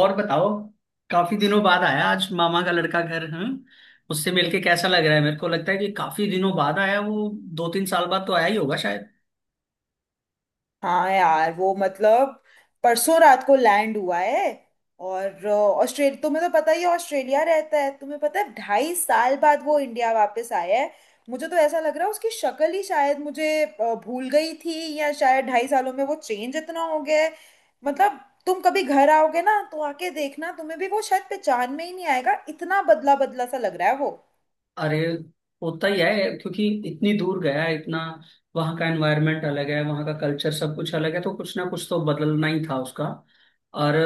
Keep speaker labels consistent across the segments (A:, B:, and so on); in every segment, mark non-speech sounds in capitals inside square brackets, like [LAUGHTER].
A: और बताओ। काफी दिनों बाद आया आज मामा का लड़का घर। उससे मिलके कैसा लग रहा है। मेरे को लगता है कि काफी दिनों बाद आया वो। 2 3 साल बाद तो आया ही होगा शायद।
B: हाँ यार वो मतलब परसों रात को लैंड हुआ है। और ऑस्ट्रेलिया तुम्हें तो पता ही है, ऑस्ट्रेलिया रहता है। तुम्हें पता है, 2.5 साल बाद वो इंडिया वापस आया है। मुझे तो ऐसा लग रहा है उसकी शक्ल ही शायद मुझे भूल गई थी, या शायद 2.5 सालों में वो चेंज इतना हो गया है। मतलब तुम कभी घर आओगे ना, तो आके देखना तुम्हें भी वो शायद पहचान में ही नहीं आएगा, इतना बदला बदला सा लग रहा है वो।
A: अरे होता ही है, क्योंकि इतनी दूर गया है, इतना। वहाँ का एनवायरनमेंट अलग है, वहाँ का कल्चर सब कुछ अलग है, तो कुछ ना कुछ तो बदलना ही था उसका। और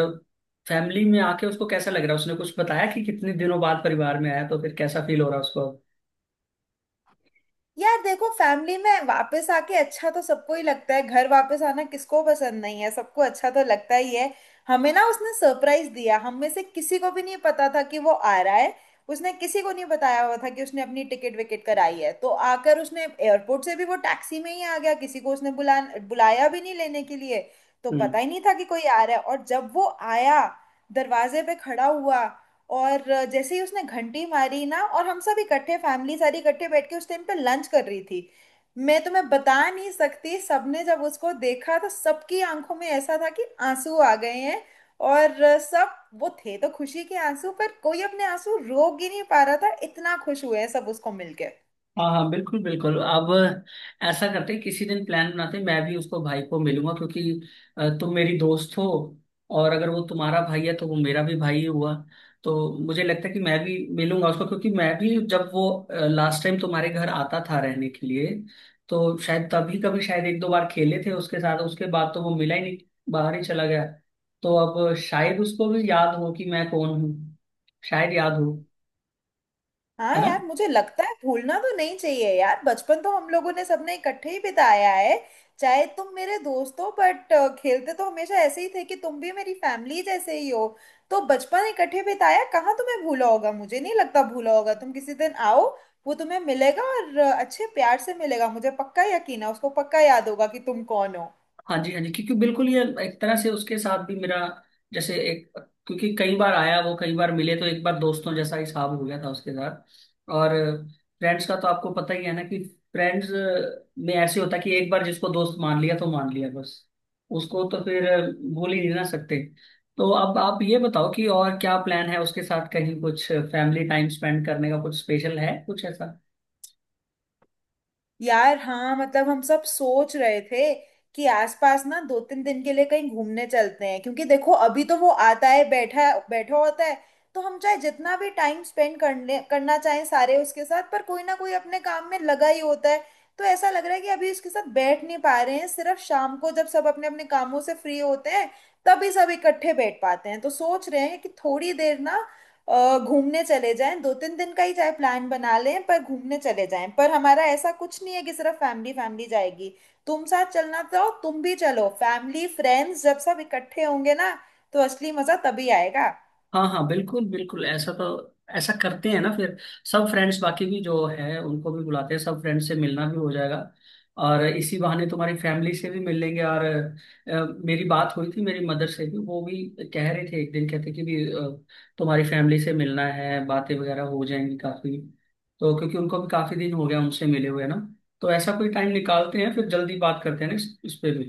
A: फैमिली में आके उसको कैसा लग रहा है? उसने कुछ बताया कि कितने दिनों बाद परिवार में आया तो फिर कैसा फील हो रहा है उसको?
B: यार देखो, फैमिली में वापस आके अच्छा तो सबको ही लगता है। घर वापस आना किसको पसंद नहीं है, सबको अच्छा तो लगता ही है। हमें ना उसने सरप्राइज दिया, हम में से किसी को भी नहीं पता था कि वो आ रहा है। उसने किसी को नहीं बताया हुआ था कि उसने अपनी टिकट विकेट कराई है, तो आकर उसने एयरपोर्ट से भी वो टैक्सी में ही आ गया, किसी को उसने बुलाया भी नहीं लेने के लिए। तो पता ही नहीं था कि कोई आ रहा है, और जब वो आया, दरवाजे पे खड़ा हुआ। और जैसे ही उसने घंटी मारी ना, और हम सब इकट्ठे फैमिली सारी इकट्ठे बैठ के उस टाइम पे लंच कर रही थी। मैं तुम्हें बता नहीं सकती, सबने जब उसको देखा तो सबकी आंखों में ऐसा था कि आंसू आ गए हैं। और सब वो थे तो खुशी के आंसू, पर कोई अपने आंसू रोक ही नहीं पा रहा था, इतना खुश हुए हैं सब उसको मिलके।
A: हाँ हाँ, बिल्कुल बिल्कुल। अब ऐसा करते हैं, किसी दिन प्लान बनाते हैं, मैं भी उसको, भाई को मिलूंगा। क्योंकि तुम मेरी दोस्त हो, और अगर वो तुम्हारा भाई है तो वो मेरा भी भाई हुआ। तो मुझे लगता है कि मैं भी मिलूंगा उसको, क्योंकि मैं भी जब वो लास्ट टाइम तुम्हारे घर आता था रहने के लिए, तो शायद तभी कभी, शायद एक दो बार खेले थे उसके साथ। उसके बाद तो वो मिला ही नहीं, बाहर ही चला गया। तो अब शायद उसको भी याद हो कि मैं कौन हूँ। शायद याद हो।
B: हाँ
A: है ना।
B: यार, मुझे लगता है भूलना तो नहीं चाहिए यार, बचपन तो हम लोगों ने सबने इकट्ठे ही बिताया है। चाहे तुम मेरे दोस्त हो बट खेलते तो हमेशा ऐसे ही थे कि तुम भी मेरी फैमिली जैसे ही हो। तो बचपन इकट्ठे बिताया, कहाँ तुम्हें भूला होगा, मुझे नहीं लगता भूला होगा। तुम किसी दिन आओ, वो तुम्हें मिलेगा, और अच्छे प्यार से मिलेगा। मुझे पक्का यकीन है उसको पक्का याद होगा कि तुम कौन हो।
A: हाँ जी, हाँ जी। क्योंकि बिल्कुल, ये एक तरह से उसके साथ भी मेरा, जैसे एक, क्योंकि कई बार आया वो, कई बार मिले, तो एक बार दोस्तों जैसा हिसाब हो गया था उसके साथ। और फ्रेंड्स का तो आपको पता ही है ना, कि फ्रेंड्स में ऐसे होता है कि एक बार जिसको दोस्त मान लिया तो मान लिया बस। उसको तो फिर भूल ही नहीं ना सकते। तो अब आप ये बताओ कि और क्या प्लान है उसके साथ, कहीं कुछ फैमिली टाइम स्पेंड करने का, कुछ स्पेशल है कुछ ऐसा?
B: यार हाँ, मतलब हम सब सोच रहे थे कि आसपास ना 2-3 दिन के लिए कहीं घूमने चलते हैं, क्योंकि देखो अभी तो वो आता है बैठा बैठा होता है। तो हम चाहे जितना भी टाइम स्पेंड करने करना चाहें सारे उसके साथ, पर कोई ना कोई अपने काम में लगा ही होता है। तो ऐसा लग रहा है कि अभी उसके साथ बैठ नहीं पा रहे हैं, सिर्फ शाम को जब सब अपने अपने कामों से फ्री होते हैं तभी सब इकट्ठे बैठ पाते हैं। तो सोच रहे हैं कि थोड़ी देर ना घूमने चले जाएं, 2-3 दिन का ही चाहे प्लान बना लें, पर घूमने चले जाएं। पर हमारा ऐसा कुछ नहीं है कि सिर्फ फैमिली फैमिली जाएगी, तुम साथ चलना, तो तुम भी चलो। फैमिली फ्रेंड्स जब सब इकट्ठे होंगे ना, तो असली मजा तभी आएगा।
A: हाँ हाँ, बिल्कुल बिल्कुल। ऐसा तो, ऐसा करते हैं ना फिर, सब फ्रेंड्स बाकी भी जो है उनको भी बुलाते हैं, सब फ्रेंड्स से मिलना भी हो जाएगा। और इसी बहाने तुम्हारी फैमिली से भी मिल लेंगे। और मेरी बात हुई थी मेरी मदर से, भी वो भी कह रहे थे एक दिन, कहते कि, भी तुम्हारी फैमिली से मिलना है, बातें वगैरह हो जाएंगी काफी। तो क्योंकि उनको भी काफी दिन हो गया उनसे मिले हुए ना। तो ऐसा कोई टाइम निकालते हैं, फिर जल्दी बात करते हैं ना इस पे भी।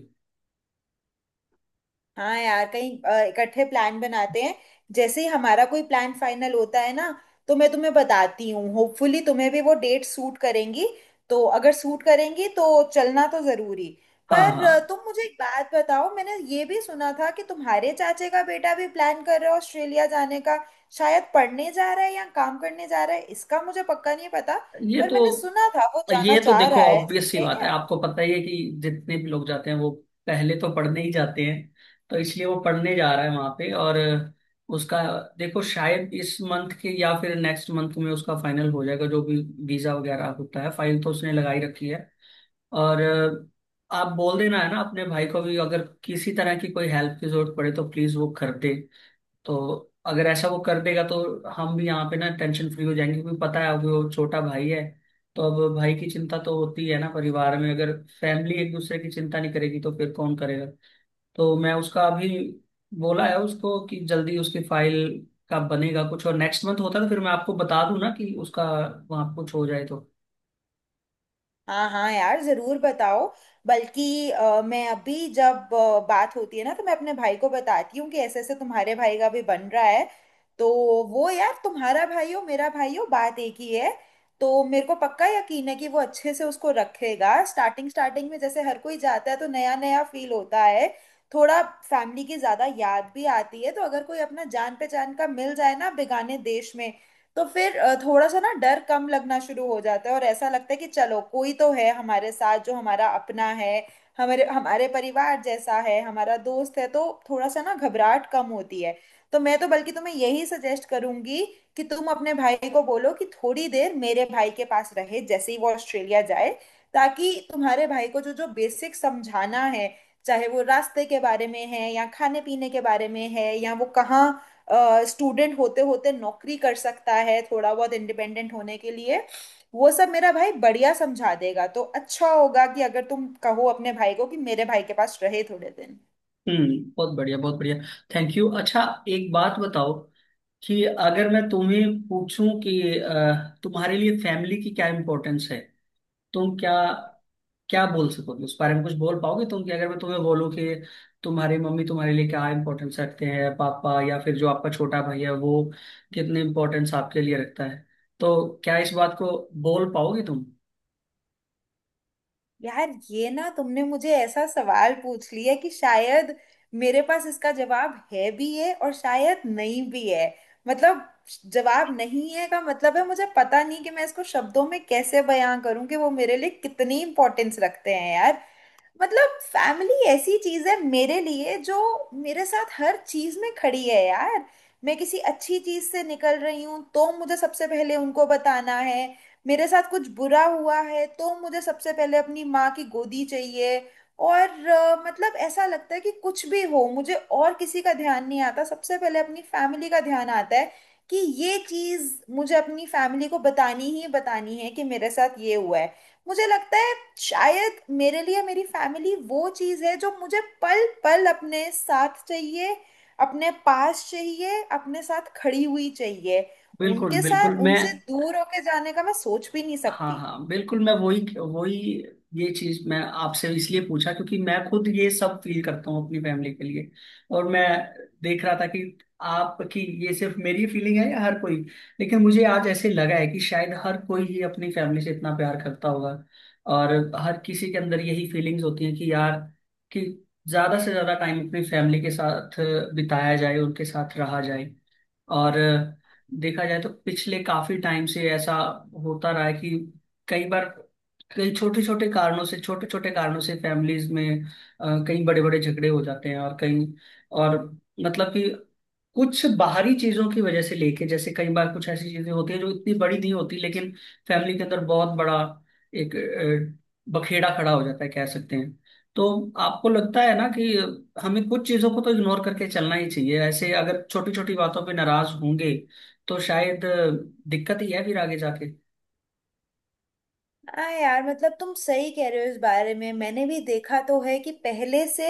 B: हाँ यार, कहीं इकट्ठे प्लान बनाते हैं। जैसे ही हमारा कोई प्लान फाइनल होता है ना, तो मैं तुम्हें बताती हूँ, होपफुली तुम्हें भी वो डेट सूट करेंगी। तो अगर सूट करेंगी तो चलना तो जरूरी।
A: हाँ
B: पर
A: हाँ।
B: तुम मुझे एक बात बताओ, मैंने ये भी सुना था कि तुम्हारे चाचे का बेटा भी प्लान कर रहा है ऑस्ट्रेलिया जाने का। शायद पढ़ने जा रहा है या काम करने जा रहा है, इसका मुझे पक्का नहीं पता।
A: ये
B: पर मैंने
A: तो
B: सुना था वो जाना
A: ये तो
B: चाह रहा
A: देखो
B: है।
A: ऑब्वियस सी
B: है
A: बात है,
B: क्या?
A: आपको पता ही है कि जितने भी लोग जाते हैं वो पहले तो पढ़ने ही जाते हैं। तो इसलिए वो पढ़ने जा रहा है वहां पे। और उसका, देखो शायद इस मंथ के या फिर नेक्स्ट मंथ में उसका फाइनल हो जाएगा, जो भी वीजा वगैरह होता है। फाइल तो उसने लगाई रखी है। और आप बोल देना है ना अपने भाई को भी, अगर किसी तरह की कोई हेल्प की जरूरत पड़े तो प्लीज वो कर दे। तो अगर ऐसा वो कर देगा तो हम भी यहाँ पे ना टेंशन फ्री हो जाएंगे, क्योंकि पता है अब वो छोटा भाई है। तो अब भाई की चिंता तो होती है ना, परिवार में अगर फैमिली एक दूसरे की चिंता नहीं करेगी तो फिर कौन करेगा। तो मैं उसका अभी बोला है उसको कि जल्दी उसकी फाइल का बनेगा कुछ, और नेक्स्ट मंथ होता है तो फिर मैं आपको बता दूं ना, कि उसका वहाँ कुछ हो जाए तो।
B: हाँ हाँ यार, जरूर बताओ। बल्कि मैं अभी जब बात होती है ना, तो मैं अपने भाई को बताती हूँ कि ऐसे ऐसे तुम्हारे भाई का भी बन रहा है। तो वो यार, तुम्हारा भाई हो मेरा भाई हो बात एक ही है। तो मेरे को पक्का यकीन है कि वो अच्छे से उसको रखेगा। स्टार्टिंग स्टार्टिंग में जैसे हर कोई जाता है तो नया नया फील होता है, थोड़ा फैमिली की ज्यादा याद भी आती है। तो अगर कोई अपना जान पहचान का मिल जाए ना बेगाने देश में, तो फिर थोड़ा सा ना डर कम लगना शुरू हो जाता है और ऐसा लगता है कि चलो कोई तो है हमारे साथ जो हमारा अपना है, हमारे हमारे परिवार जैसा है, हमारा दोस्त है। तो थोड़ा सा ना घबराहट कम होती है। तो मैं तो बल्कि तुम्हें यही सजेस्ट करूंगी कि तुम अपने भाई को बोलो कि थोड़ी देर मेरे भाई के पास रहे, जैसे ही वो ऑस्ट्रेलिया जाए, ताकि तुम्हारे भाई को जो जो बेसिक समझाना है, चाहे वो रास्ते के बारे में है या खाने पीने के बारे में है, या वो कहाँ स्टूडेंट होते होते नौकरी कर सकता है थोड़ा बहुत इंडिपेंडेंट होने के लिए, वो सब मेरा भाई बढ़िया समझा देगा। तो अच्छा होगा कि अगर तुम कहो अपने भाई को कि मेरे भाई के पास रहे थोड़े दिन।
A: हम्म, बहुत बढ़िया, बहुत बढ़िया। Thank you. अच्छा, एक बात बताओ, कि अगर मैं तुम्हें पूछूं कि तुम्हारे लिए फैमिली की क्या इंपॉर्टेंस है, तुम क्या क्या बोल सकोगे उस बारे में? कुछ बोल पाओगे तुम? कि अगर मैं तुम्हें बोलूं कि तुम्हारी मम्मी तुम्हारे लिए क्या इंपॉर्टेंस रखते हैं, पापा, या फिर जो आपका छोटा भाई है वो कितने इंपॉर्टेंस आपके लिए रखता है? तो क्या इस बात को बोल पाओगे तुम?
B: यार ये ना, तुमने मुझे ऐसा सवाल पूछ लिया कि शायद मेरे पास इसका जवाब है भी है और शायद नहीं भी है। मतलब जवाब नहीं है का मतलब है, मुझे पता नहीं कि मैं इसको शब्दों में कैसे बयां करूं कि वो मेरे लिए कितनी इंपॉर्टेंस रखते हैं यार। मतलब फैमिली ऐसी चीज है मेरे लिए जो मेरे साथ हर चीज में खड़ी है यार। मैं किसी अच्छी चीज से निकल रही हूँ तो मुझे सबसे पहले उनको बताना है, मेरे साथ कुछ बुरा हुआ है तो मुझे सबसे पहले अपनी माँ की गोदी चाहिए। और मतलब ऐसा लगता है कि कुछ भी हो मुझे और किसी का ध्यान नहीं आता, सबसे पहले अपनी फैमिली का ध्यान आता है कि ये चीज मुझे अपनी फैमिली को बतानी ही बतानी है, कि मेरे साथ ये हुआ है। मुझे लगता है शायद मेरे लिए मेरी फैमिली वो चीज है जो मुझे पल पल अपने साथ चाहिए, अपने पास चाहिए, अपने साथ खड़ी हुई चाहिए।
A: बिल्कुल
B: उनके
A: बिल्कुल।
B: साथ
A: मैं,
B: उनसे दूर होके जाने का मैं सोच भी नहीं
A: हाँ
B: सकती।
A: हाँ, बिल्कुल। मैं वही वही, ये चीज मैं आपसे इसलिए पूछा क्योंकि मैं खुद ये सब फील करता हूँ अपनी फैमिली के लिए। और मैं देख रहा था कि आपकी, ये सिर्फ मेरी फीलिंग है या हर कोई। लेकिन मुझे आज ऐसे लगा है कि शायद हर कोई ही अपनी फैमिली से इतना प्यार करता होगा। और हर किसी के अंदर यही फीलिंग्स होती हैं कि यार, कि ज्यादा से ज्यादा टाइम अपनी फैमिली के साथ बिताया जाए, उनके साथ रहा जाए। और देखा जाए तो पिछले काफी टाइम से ऐसा होता रहा है कि कई बार, कई छोटे छोटे कारणों से, छोटे छोटे कारणों से फैमिलीज में कई बड़े बड़े झगड़े हो जाते हैं, और कई, और मतलब कि, कुछ बाहरी चीजों की वजह से लेके, जैसे कई बार कुछ ऐसी चीजें होती हैं जो इतनी बड़ी नहीं होती, लेकिन फैमिली के अंदर बहुत बड़ा एक बखेड़ा खड़ा हो जाता है, कह सकते हैं। तो आपको लगता है ना कि हमें कुछ चीजों को तो इग्नोर करके चलना ही चाहिए, ऐसे अगर छोटी छोटी बातों पे नाराज होंगे तो शायद दिक्कत ही है फिर आगे जाके।
B: हाँ यार, मतलब तुम सही कह रहे हो। इस बारे में मैंने भी देखा तो है कि पहले से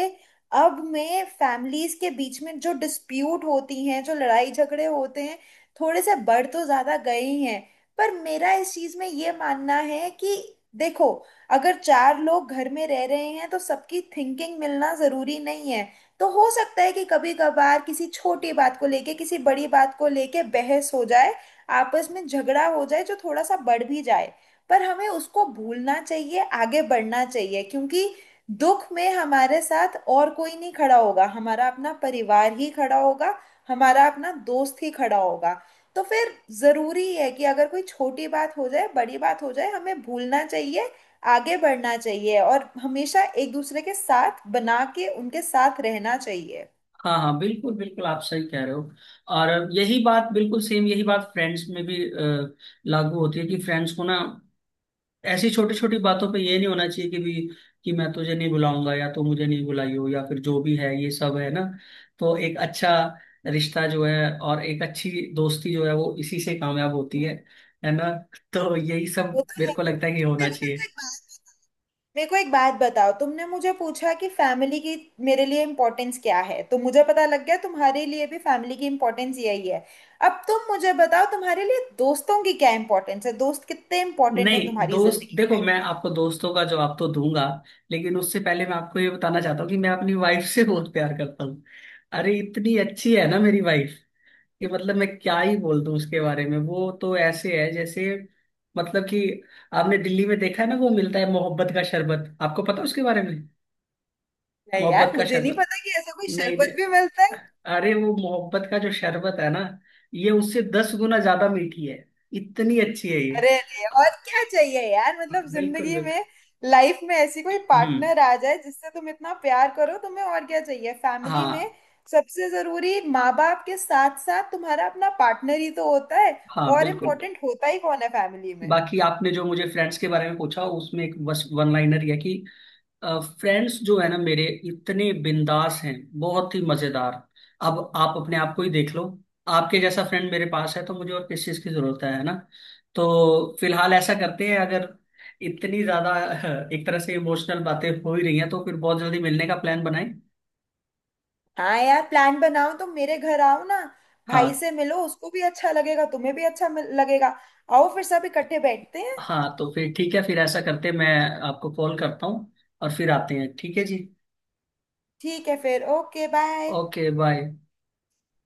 B: अब में फैमिलीज के बीच में जो डिस्प्यूट होती हैं, जो लड़ाई झगड़े होते हैं, थोड़े से बढ़ तो ज्यादा गए ही हैं। पर मेरा इस चीज में ये मानना है कि देखो, अगर चार लोग घर में रह रहे हैं तो सबकी थिंकिंग मिलना जरूरी नहीं है। तो हो सकता है कि कभी कभार किसी छोटी बात को लेके किसी बड़ी बात को लेके बहस हो जाए, आपस में झगड़ा हो जाए, जो थोड़ा सा बढ़ भी जाए। पर हमें उसको भूलना चाहिए, आगे बढ़ना चाहिए, क्योंकि दुख में हमारे साथ और कोई नहीं खड़ा होगा, हमारा अपना परिवार ही खड़ा होगा, हमारा अपना दोस्त ही खड़ा होगा। तो फिर जरूरी है कि अगर कोई छोटी बात हो जाए, बड़ी बात हो जाए, हमें भूलना चाहिए, आगे बढ़ना चाहिए और हमेशा एक दूसरे के साथ बना के उनके साथ रहना चाहिए।
A: हाँ हाँ, बिल्कुल बिल्कुल, आप सही कह रहे हो। और यही बात, बिल्कुल सेम यही बात फ्रेंड्स में भी लागू होती है, कि फ्रेंड्स को ना ऐसी छोटी छोटी बातों पे ये नहीं होना चाहिए कि, भी कि मैं तुझे नहीं बुलाऊंगा, या तू मुझे नहीं बुलाई हो, या फिर जो भी है ये सब, है ना। तो एक अच्छा रिश्ता जो है, और एक अच्छी दोस्ती जो है, वो इसी से कामयाब होती है। है ना। [LAUGHS] तो यही
B: वो
A: सब
B: तो
A: मेरे
B: है।
A: को लगता है कि होना
B: पहले
A: चाहिए।
B: मेरे को एक बात बताओ, तुमने मुझे पूछा कि फैमिली की मेरे लिए इम्पोर्टेंस क्या है, तो मुझे पता लग गया तुम्हारे लिए भी फैमिली की इम्पोर्टेंस यही है। अब तुम मुझे बताओ तुम्हारे लिए दोस्तों की क्या इम्पोर्टेंस है, दोस्त कितने इम्पोर्टेंट हैं
A: नहीं
B: तुम्हारी
A: दोस्त,
B: जिंदगी में।
A: देखो मैं आपको दोस्तों का जवाब तो दूंगा, लेकिन उससे पहले मैं आपको ये बताना चाहता हूँ कि मैं अपनी वाइफ से बहुत प्यार करता हूँ। अरे इतनी अच्छी है ना मेरी वाइफ कि मतलब मैं क्या ही बोल दूं उसके बारे में। वो तो ऐसे है जैसे, मतलब कि, आपने दिल्ली में देखा है ना वो मिलता है मोहब्बत का शरबत, आपको पता है उसके बारे में?
B: नहीं यार,
A: मोहब्बत का
B: मुझे नहीं
A: शरबत।
B: पता कि ऐसा कोई
A: नहीं नहीं,
B: शरबत भी मिलता है।
A: अरे वो मोहब्बत का जो शरबत है ना, ये उससे 10 गुना ज्यादा मीठी है। इतनी अच्छी है ये।
B: अरे अरे, और क्या चाहिए यार, मतलब
A: बिल्कुल
B: जिंदगी
A: बिल्कुल।
B: में। लाइफ में ऐसी कोई
A: हम्म।
B: पार्टनर आ जाए जिससे तुम इतना प्यार करो, तुम्हें और क्या चाहिए फैमिली में।
A: हाँ।
B: सबसे जरूरी माँ बाप के साथ साथ तुम्हारा अपना पार्टनर ही तो होता है।
A: हाँ
B: और
A: बिल्कुल।
B: इम्पोर्टेंट होता ही कौन है फैमिली में।
A: बाकी आपने जो मुझे फ्रेंड्स के बारे में पूछा, उसमें एक बस वन लाइनर है कि, फ्रेंड्स जो है ना मेरे, इतने बिंदास हैं, बहुत ही मजेदार। अब आप अपने आप को ही देख लो, आपके जैसा फ्रेंड मेरे पास है तो मुझे और किस चीज की जरूरत है ना। तो फिलहाल ऐसा करते हैं, अगर इतनी ज्यादा [LAUGHS] एक तरह से इमोशनल बातें हो ही रही हैं, तो फिर बहुत जल्दी मिलने का प्लान बनाएं।
B: हाँ यार, प्लान बनाओ, तुम मेरे घर आओ ना, भाई
A: हाँ
B: से मिलो, उसको भी अच्छा लगेगा, तुम्हें भी अच्छा लगेगा। आओ फिर सब इकट्ठे बैठते हैं।
A: हाँ, तो फिर ठीक है, फिर ऐसा करते हैं, मैं आपको कॉल करता हूँ और फिर आते हैं। ठीक है जी।
B: ठीक है फिर। Okay bye.
A: Okay bye.